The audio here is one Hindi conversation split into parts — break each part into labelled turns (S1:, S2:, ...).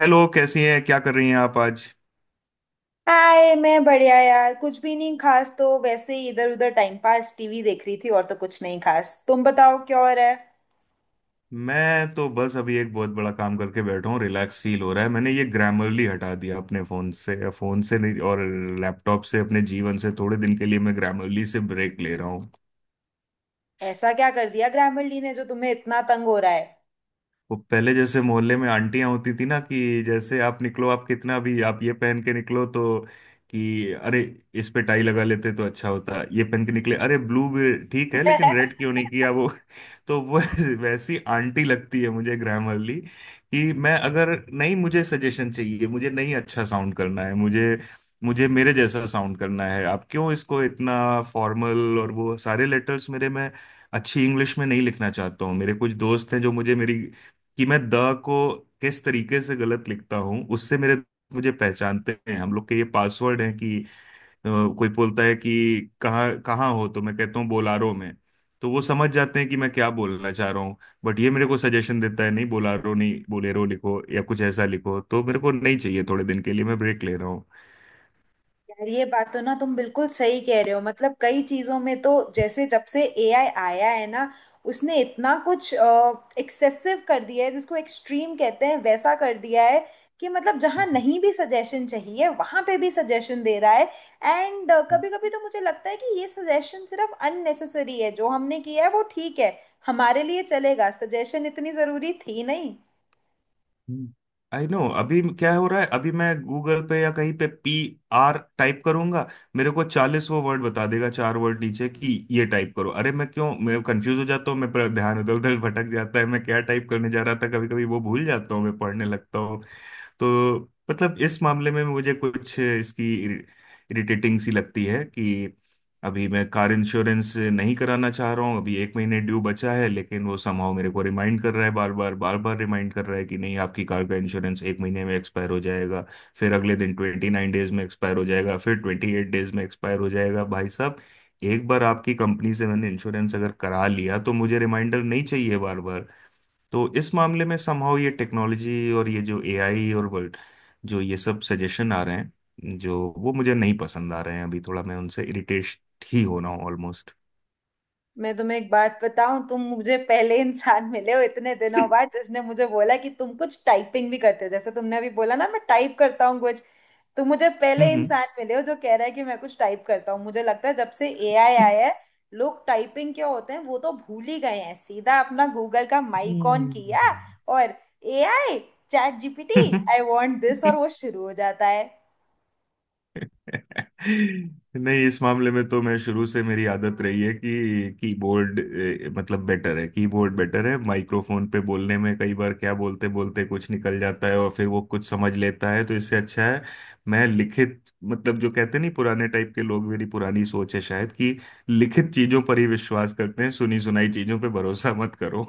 S1: हेलो, कैसी हैं? क्या कर रही हैं आप आज?
S2: हाय, मैं बढ़िया यार। कुछ भी नहीं खास, तो वैसे ही इधर उधर टाइम पास, टीवी देख रही थी। और तो कुछ नहीं खास, तुम बताओ क्या हो रहा है।
S1: मैं तो बस अभी एक बहुत बड़ा काम करके बैठा हूँ, रिलैक्स फील हो रहा है। मैंने ये ग्रामरली हटा दिया अपने फ़ोन से, फ़ोन से नहीं, और लैपटॉप से, अपने जीवन से। थोड़े दिन के लिए मैं ग्रामरली से ब्रेक ले रहा हूँ।
S2: ऐसा क्या कर दिया ग्रामीण ली ने जो तुम्हें इतना तंग हो रहा है।
S1: वो पहले जैसे मोहल्ले में आंटियां होती थी ना, कि जैसे आप निकलो, आप कितना भी आप ये पहन के निकलो तो कि अरे, इस पे टाई लगा लेते तो अच्छा होता, ये पहन के निकले, अरे ब्लू भी ठीक है लेकिन रेड क्यों नहीं किया, वो तो वो वैसी आंटी लगती है मुझे ग्रैमरली। कि मैं अगर नहीं, मुझे सजेशन चाहिए, मुझे नहीं अच्छा साउंड करना है, मुझे मुझे मेरे जैसा साउंड करना है। आप क्यों इसको इतना फॉर्मल और वो सारे लेटर्स मेरे में अच्छी इंग्लिश में नहीं लिखना चाहता हूँ। मेरे कुछ दोस्त हैं जो मुझे मेरी, कि मैं द को किस तरीके से गलत लिखता हूँ उससे मेरे दोस्त मुझे पहचानते हैं। हम लोग के ये पासवर्ड है कि अ, कोई बोलता है कि कहाँ कहाँ हो, तो मैं कहता हूँ बोलारो में, तो वो समझ जाते हैं कि मैं क्या बोलना चाह रहा हूँ। बट ये मेरे को सजेशन देता है, नहीं बोलारो नहीं बोलेरो लिखो या कुछ ऐसा लिखो, तो मेरे को नहीं चाहिए। थोड़े दिन के लिए मैं ब्रेक ले रहा
S2: यार ये बात तो ना, तुम बिल्कुल सही कह रहे हो। मतलब कई चीजों में तो, जैसे जब से एआई आया है ना, उसने इतना कुछ एक्सेसिव कर दिया है, जिसको एक्सट्रीम कहते हैं वैसा कर दिया है कि मतलब जहाँ
S1: हूँ।
S2: नहीं भी सजेशन चाहिए वहां पे भी सजेशन दे रहा है। एंड कभी कभी तो मुझे लगता है कि ये सजेशन सिर्फ अननेसेसरी है। जो हमने किया है वो ठीक है, हमारे लिए चलेगा, सजेशन इतनी जरूरी थी नहीं।
S1: आई नो अभी क्या हो रहा है। अभी मैं गूगल पे या कहीं पे पी आर टाइप करूंगा, मेरे को 40 वो वर्ड बता देगा, चार वर्ड नीचे कि ये टाइप करो। अरे मैं क्यों, मैं कंफ्यूज हो जाता हूँ, मैं ध्यान इधर उधर भटक जाता है, मैं क्या टाइप करने जा रहा था कभी कभी वो भूल जाता हूँ, मैं पढ़ने लगता हूँ। तो मतलब इस मामले में मुझे कुछ इसकी इरिटेटिंग सी लगती है कि अभी मैं कार इंश्योरेंस नहीं कराना चाह रहा हूँ, अभी एक महीने ड्यू बचा है, लेकिन वो समहाउ मेरे को रिमाइंड कर रहा है बार बार बार बार। रिमाइंड कर रहा है कि नहीं आपकी कार का इंश्योरेंस एक महीने में एक्सपायर हो जाएगा, फिर अगले दिन 29 days में एक्सपायर हो जाएगा, फिर 28 days में एक्सपायर हो जाएगा। भाई साहब, एक बार आपकी कंपनी से मैंने इंश्योरेंस अगर करा लिया तो मुझे रिमाइंडर नहीं चाहिए बार बार। तो इस मामले में समहाउ ये टेक्नोलॉजी और ये जो एआई और वर्ल्ड, जो ये सब सजेशन आ रहे हैं, जो वो मुझे नहीं पसंद आ रहे हैं, अभी थोड़ा मैं उनसे इरिटेट ही हो रहा हूँ ऑलमोस्ट।
S2: मैं तुम्हें एक बात बताऊं, तुम मुझे पहले इंसान मिले हो इतने दिनों बाद जिसने मुझे बोला कि तुम कुछ टाइपिंग भी करते हो। जैसे तुमने अभी बोला ना, मैं टाइप करता हूँ कुछ। तुम मुझे पहले
S1: हम्म।
S2: इंसान मिले हो जो कह रहा है कि मैं कुछ टाइप करता हूँ। मुझे लगता है जब से एआई
S1: हम्म।
S2: आया है, लोग टाइपिंग क्या होते हैं वो तो भूल ही गए हैं। सीधा अपना गूगल का माइक ऑन किया, और AI, chat
S1: hmm.
S2: GPT, I want this, और
S1: हम्म।
S2: वो शुरू हो जाता है।
S1: नहीं इस मामले में तो मैं शुरू से, मेरी आदत रही है कि कीबोर्ड मतलब बेटर है, कीबोर्ड बेटर है। माइक्रोफोन पे बोलने में कई बार क्या बोलते बोलते कुछ निकल जाता है और फिर वो कुछ समझ लेता है, तो इससे अच्छा है मैं लिखित, मतलब जो कहते नहीं पुराने टाइप के लोग, मेरी पुरानी सोच है शायद, कि लिखित चीजों पर ही विश्वास करते हैं, सुनी सुनाई चीजों पे भरोसा मत करो।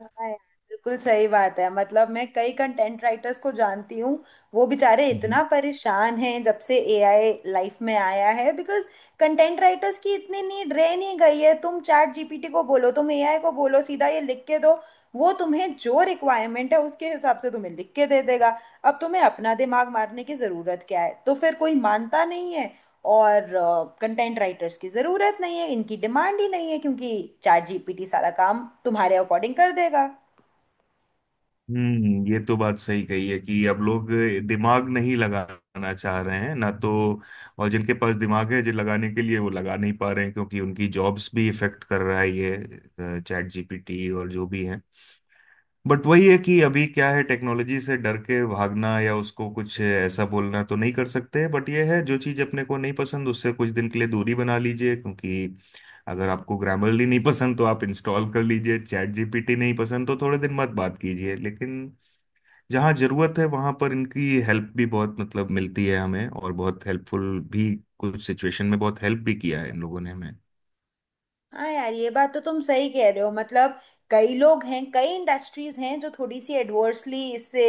S2: हाँ यार, बिल्कुल सही बात है। मतलब मैं कई कंटेंट राइटर्स को जानती हूँ। वो बेचारे इतना परेशान हैं जब से एआई लाइफ में आया है, बिकॉज कंटेंट राइटर्स की इतनी नीड रह नहीं गई है। तुम चैट जीपीटी को बोलो, तुम एआई को बोलो, सीधा ये लिख के दो। वो तुम्हें जो रिक्वायरमेंट है उसके हिसाब से तुम्हें लिख के दे देगा। अब तुम्हें अपना दिमाग मारने की ज़रूरत क्या है। तो फिर कोई मानता नहीं है और कंटेंट राइटर्स की ज़रूरत नहीं है, इनकी डिमांड ही नहीं है, क्योंकि चैट जीपीटी सारा काम तुम्हारे अकॉर्डिंग कर देगा।
S1: हम्म, ये तो बात सही कही है कि अब लोग दिमाग नहीं लगाना चाह रहे हैं ना, तो और जिनके पास दिमाग है जो लगाने के लिए, वो लगा नहीं पा रहे हैं, क्योंकि उनकी जॉब्स भी इफेक्ट कर रहा है, ये चैट जीपीटी और जो भी है। बट वही है कि अभी क्या है, टेक्नोलॉजी से डर के भागना या उसको कुछ ऐसा बोलना तो नहीं कर सकते। बट ये है जो चीज़ अपने को नहीं पसंद उससे कुछ दिन के लिए दूरी बना लीजिए। क्योंकि अगर आपको ग्रामरली नहीं पसंद तो आप इंस्टॉल कर लीजिए, चैट जीपीटी नहीं पसंद तो थोड़े दिन मत बात कीजिए, लेकिन जहाँ जरूरत है वहां पर इनकी हेल्प भी बहुत मतलब मिलती है हमें, और बहुत हेल्पफुल भी। कुछ सिचुएशन में बहुत हेल्प भी किया है इन लोगों ने हमें।
S2: हाँ यार, ये बात तो तुम सही कह रहे हो। मतलब कई लोग हैं, कई इंडस्ट्रीज हैं जो थोड़ी सी एडवर्सली इससे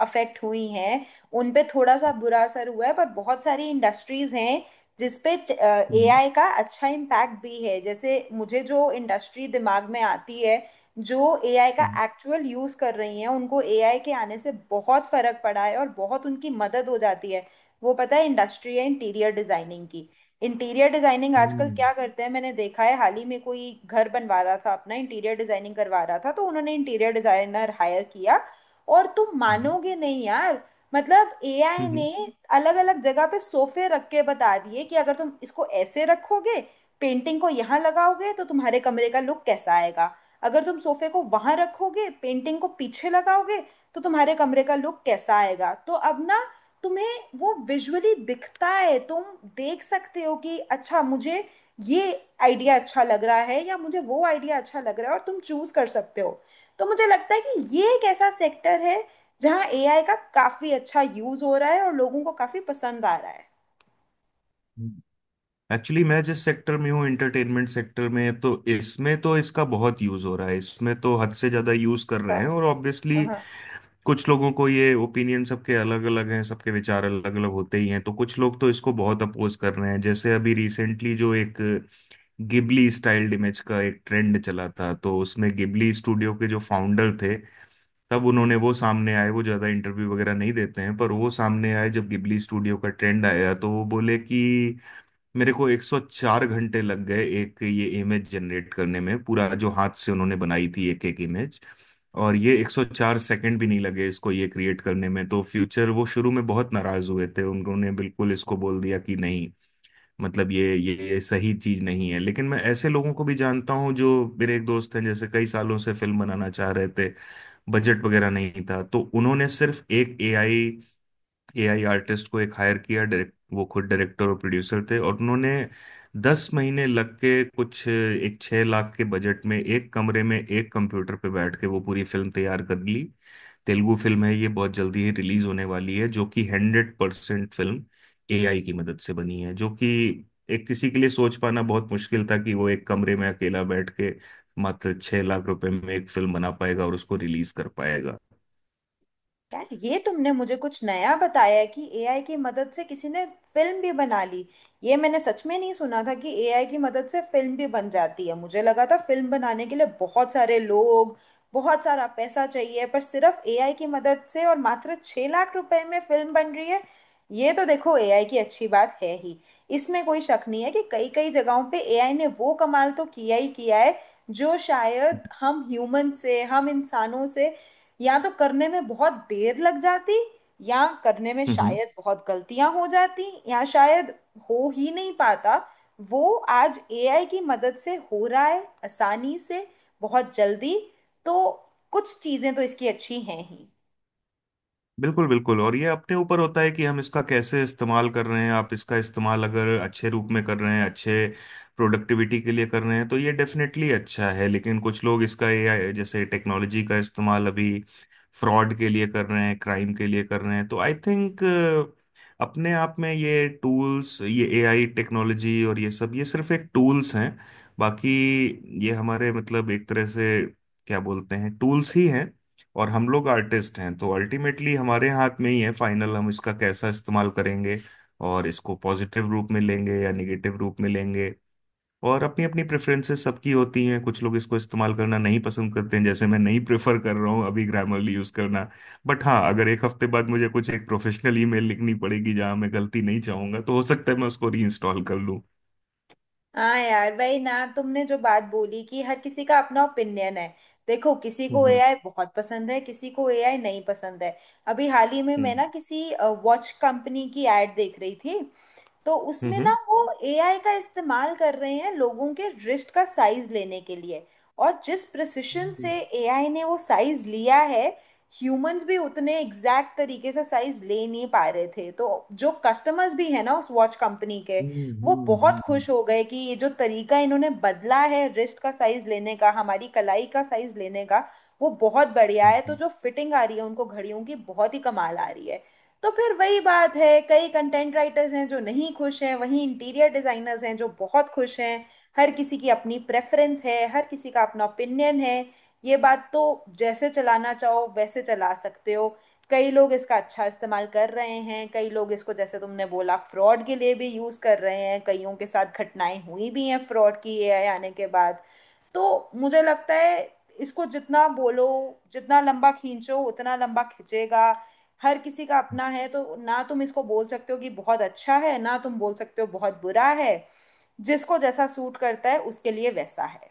S2: अफेक्ट हुई हैं, उन पे थोड़ा सा बुरा असर हुआ है। पर बहुत सारी इंडस्ट्रीज हैं जिसपे
S1: हम्म।
S2: एआई का अच्छा इम्पैक्ट भी है। जैसे मुझे जो इंडस्ट्री दिमाग में आती है, जो एआई का
S1: हम्म।
S2: एक्चुअल यूज कर रही हैं, उनको एआई के आने से बहुत फर्क पड़ा है और बहुत उनकी मदद हो जाती है। वो पता है इंडस्ट्री है, इंटीरियर डिजाइनिंग की। इंटीरियर डिजाइनिंग आजकल
S1: हम्म।
S2: क्या करते हैं, मैंने देखा है हाल ही में, कोई घर बनवा रहा था अपना, इंटीरियर डिजाइनिंग करवा रहा था, तो उन्होंने इंटीरियर डिजाइनर हायर किया। और तुम मानोगे नहीं यार, मतलब एआई
S1: हम्म।
S2: ने अलग अलग जगह पे सोफे रख के बता दिए कि अगर तुम इसको ऐसे रखोगे, पेंटिंग को यहाँ लगाओगे, तो तुम्हारे कमरे का लुक कैसा आएगा। अगर तुम सोफे को वहां रखोगे, पेंटिंग को पीछे लगाओगे, तो तुम्हारे कमरे का लुक कैसा आएगा। तो अब ना, तुम्हें वो विजुअली दिखता है, तुम देख सकते हो कि अच्छा, मुझे ये आइडिया अच्छा लग रहा है या मुझे वो आइडिया अच्छा लग रहा है, और तुम चूज कर सकते हो। तो मुझे लगता है कि ये एक ऐसा सेक्टर है जहाँ एआई का काफी अच्छा यूज हो रहा है और लोगों को काफी पसंद आ रहा है।
S1: हम्म। एक्चुअली मैं जिस सेक्टर में हूँ, एंटरटेनमेंट सेक्टर में, तो इसमें तो इसका बहुत यूज हो रहा है, इसमें तो हद से ज्यादा यूज कर रहे हैं और ऑब्वियसली
S2: हाँ
S1: कुछ लोगों को, ये ओपिनियन सबके अलग अलग हैं, सबके विचार अलग अलग होते ही हैं, तो कुछ लोग तो इसको बहुत अपोज कर रहे हैं। जैसे अभी रिसेंटली जो एक गिबली स्टाइल्ड इमेज का एक ट्रेंड चला था, तो उसमें गिबली स्टूडियो के जो फाउंडर थे, तब उन्होंने वो सामने आए, वो ज्यादा इंटरव्यू वगैरह नहीं देते हैं, पर वो सामने आए जब गिबली स्टूडियो का ट्रेंड आया, तो वो बोले कि मेरे को 104 घंटे लग गए एक ये इमेज जनरेट करने में, पूरा जो हाथ से उन्होंने बनाई थी एक एक इमेज, और ये 104 सेकंड भी नहीं लगे इसको ये क्रिएट करने में। तो फ्यूचर वो शुरू में बहुत नाराज हुए थे, उन्होंने बिल्कुल इसको बोल दिया कि नहीं, मतलब ये सही चीज नहीं है। लेकिन मैं ऐसे लोगों को भी जानता हूँ जो, मेरे एक दोस्त हैं जैसे, कई सालों से फिल्म बनाना चाह रहे थे, बजट वगैरह नहीं था, तो उन्होंने सिर्फ एक एआई एआई आर्टिस्ट को एक हायर किया, डायरेक्ट वो खुद डायरेक्टर और प्रोड्यूसर थे, और उन्होंने 10 महीने लग के कुछ एक 6 लाख के बजट में एक कमरे में एक कंप्यूटर पे बैठ के वो पूरी फिल्म तैयार कर ली। तेलुगु फिल्म है ये, बहुत जल्दी ही रिलीज होने वाली है, जो कि 100% फिल्म एआई की मदद से बनी है। जो कि एक किसी के लिए सोच पाना बहुत मुश्किल था कि वो एक कमरे में अकेला बैठ के मात्र 6 लाख रुपए में एक फिल्म बना पाएगा और उसको रिलीज कर पाएगा।
S2: यार, ये तुमने मुझे कुछ नया बताया कि एआई की मदद से किसी ने फिल्म भी बना ली। ये मैंने सच में नहीं सुना था कि एआई की मदद से फिल्म भी बन जाती है। मुझे लगा था फिल्म बनाने के लिए बहुत सारे लोग, बहुत सारा पैसा चाहिए, पर सिर्फ एआई की मदद से और मात्र 6 लाख रुपए में फिल्म बन रही है। ये तो देखो, एआई की अच्छी बात है ही। इसमें कोई शक नहीं है कि कई कई जगहों पे एआई ने वो कमाल तो किया ही किया है, जो शायद हम ह्यूमन से, हम इंसानों से या तो करने में बहुत देर लग जाती, या करने में शायद बहुत गलतियां हो जाती, या शायद हो ही नहीं पाता, वो आज एआई की मदद से हो रहा है, आसानी से, बहुत जल्दी। तो कुछ चीजें तो इसकी अच्छी हैं ही।
S1: बिल्कुल बिल्कुल, और ये अपने ऊपर होता है कि हम इसका कैसे इस्तेमाल कर रहे हैं। आप इसका इस्तेमाल अगर अच्छे रूप में कर रहे हैं, अच्छे प्रोडक्टिविटी के लिए कर रहे हैं, तो ये डेफिनेटली अच्छा है। लेकिन कुछ लोग इसका, एआई जैसे टेक्नोलॉजी का इस्तेमाल अभी फ्रॉड के लिए कर रहे हैं, क्राइम के लिए कर रहे हैं, तो आई थिंक अपने आप में ये टूल्स, ये एआई टेक्नोलॉजी और ये सब, ये सिर्फ एक टूल्स हैं। बाकी ये हमारे, मतलब एक तरह से क्या बोलते हैं, टूल्स ही हैं, और हम लोग आर्टिस्ट हैं, तो अल्टीमेटली हमारे हाथ में ही है, फाइनल हम इसका कैसा इस्तेमाल करेंगे, और इसको पॉजिटिव रूप में लेंगे या निगेटिव रूप में लेंगे। और अपनी अपनी प्रेफरेंसेस सबकी होती हैं, कुछ लोग इसको इस्तेमाल करना नहीं पसंद करते हैं, जैसे मैं नहीं प्रेफर कर रहा हूँ अभी ग्रामरली यूज़ करना। बट हाँ, अगर एक हफ्ते बाद मुझे कुछ एक प्रोफेशनल ईमेल लिखनी पड़ेगी जहाँ मैं गलती नहीं चाहूंगा, तो हो सकता है मैं उसको रीइंस्टॉल कर लूँ।
S2: हाँ यार, वही ना, तुमने जो बात बोली कि हर किसी का अपना ओपिनियन है। देखो, किसी को
S1: हम्म।
S2: एआई बहुत पसंद है, किसी को एआई नहीं पसंद है। अभी हाल ही में मैं
S1: हम्म।
S2: ना, किसी वॉच कंपनी की एड देख रही थी। तो
S1: हम्म।
S2: उसमें ना
S1: हम्म।
S2: वो एआई का इस्तेमाल कर रहे हैं लोगों के रिस्ट का साइज लेने के लिए। और जिस प्रिसिशन
S1: हम्म,
S2: से एआई ने वो साइज लिया है, ह्यूमंस भी उतने एग्जैक्ट तरीके से साइज ले नहीं पा रहे थे। तो जो कस्टमर्स भी है ना उस वॉच कंपनी के,
S1: हम्म,
S2: वो
S1: हम्म,
S2: बहुत
S1: हम्म, हम्म,
S2: खुश हो गए कि ये जो तरीका इन्होंने बदला है रिस्ट का साइज लेने का, हमारी कलाई का साइज लेने का, वो बहुत बढ़िया है। तो
S1: हम्म।
S2: जो फिटिंग आ रही है उनको घड़ियों की, बहुत ही कमाल आ रही है। तो फिर वही बात है, कई कंटेंट राइटर्स हैं जो नहीं खुश हैं, वहीं इंटीरियर डिजाइनर्स हैं जो बहुत खुश हैं। हर किसी की अपनी प्रेफरेंस है, हर किसी का अपना ओपिनियन है। ये बात तो जैसे चलाना चाहो वैसे चला सकते हो। कई लोग इसका अच्छा इस्तेमाल कर रहे हैं, कई लोग इसको जैसे तुमने बोला फ्रॉड के लिए भी यूज़ कर रहे हैं, कईयों के साथ घटनाएं हुई भी हैं फ्रॉड की, एआई आने के बाद। तो मुझे लगता है इसको जितना बोलो, जितना लंबा खींचो उतना लंबा खिंचेगा। हर किसी का अपना है, तो ना तुम इसको बोल सकते हो कि बहुत अच्छा है, ना तुम बोल सकते हो बहुत बुरा है। जिसको जैसा सूट करता है उसके लिए वैसा है।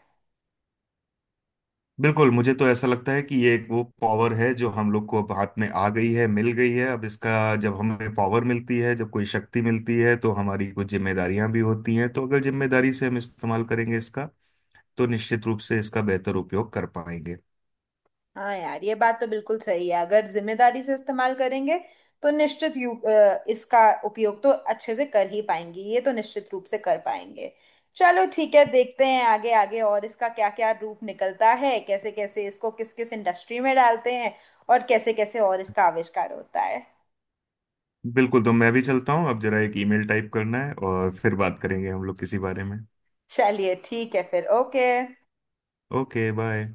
S1: बिल्कुल, मुझे तो ऐसा लगता है कि ये एक वो पावर है जो हम लोग को अब हाथ में आ गई है, मिल गई है। अब इसका, जब हमें पावर मिलती है, जब कोई शक्ति मिलती है, तो हमारी कुछ जिम्मेदारियां भी होती हैं। तो अगर जिम्मेदारी से हम इस्तेमाल करेंगे इसका, तो निश्चित रूप से इसका बेहतर उपयोग कर पाएंगे।
S2: हाँ यार, ये बात तो बिल्कुल सही है, अगर जिम्मेदारी से इस्तेमाल करेंगे तो निश्चित इसका उपयोग तो अच्छे से कर ही पाएंगे, ये तो निश्चित रूप से कर पाएंगे। चलो ठीक है, देखते हैं आगे आगे और इसका क्या क्या रूप निकलता है, कैसे कैसे इसको किस किस इंडस्ट्री में डालते हैं, और कैसे कैसे और इसका आविष्कार होता है।
S1: बिल्कुल, तो मैं भी चलता हूँ अब, जरा एक ईमेल टाइप करना है और फिर बात करेंगे हम लोग किसी बारे में।
S2: चलिए ठीक है फिर, ओके।
S1: Okay bye.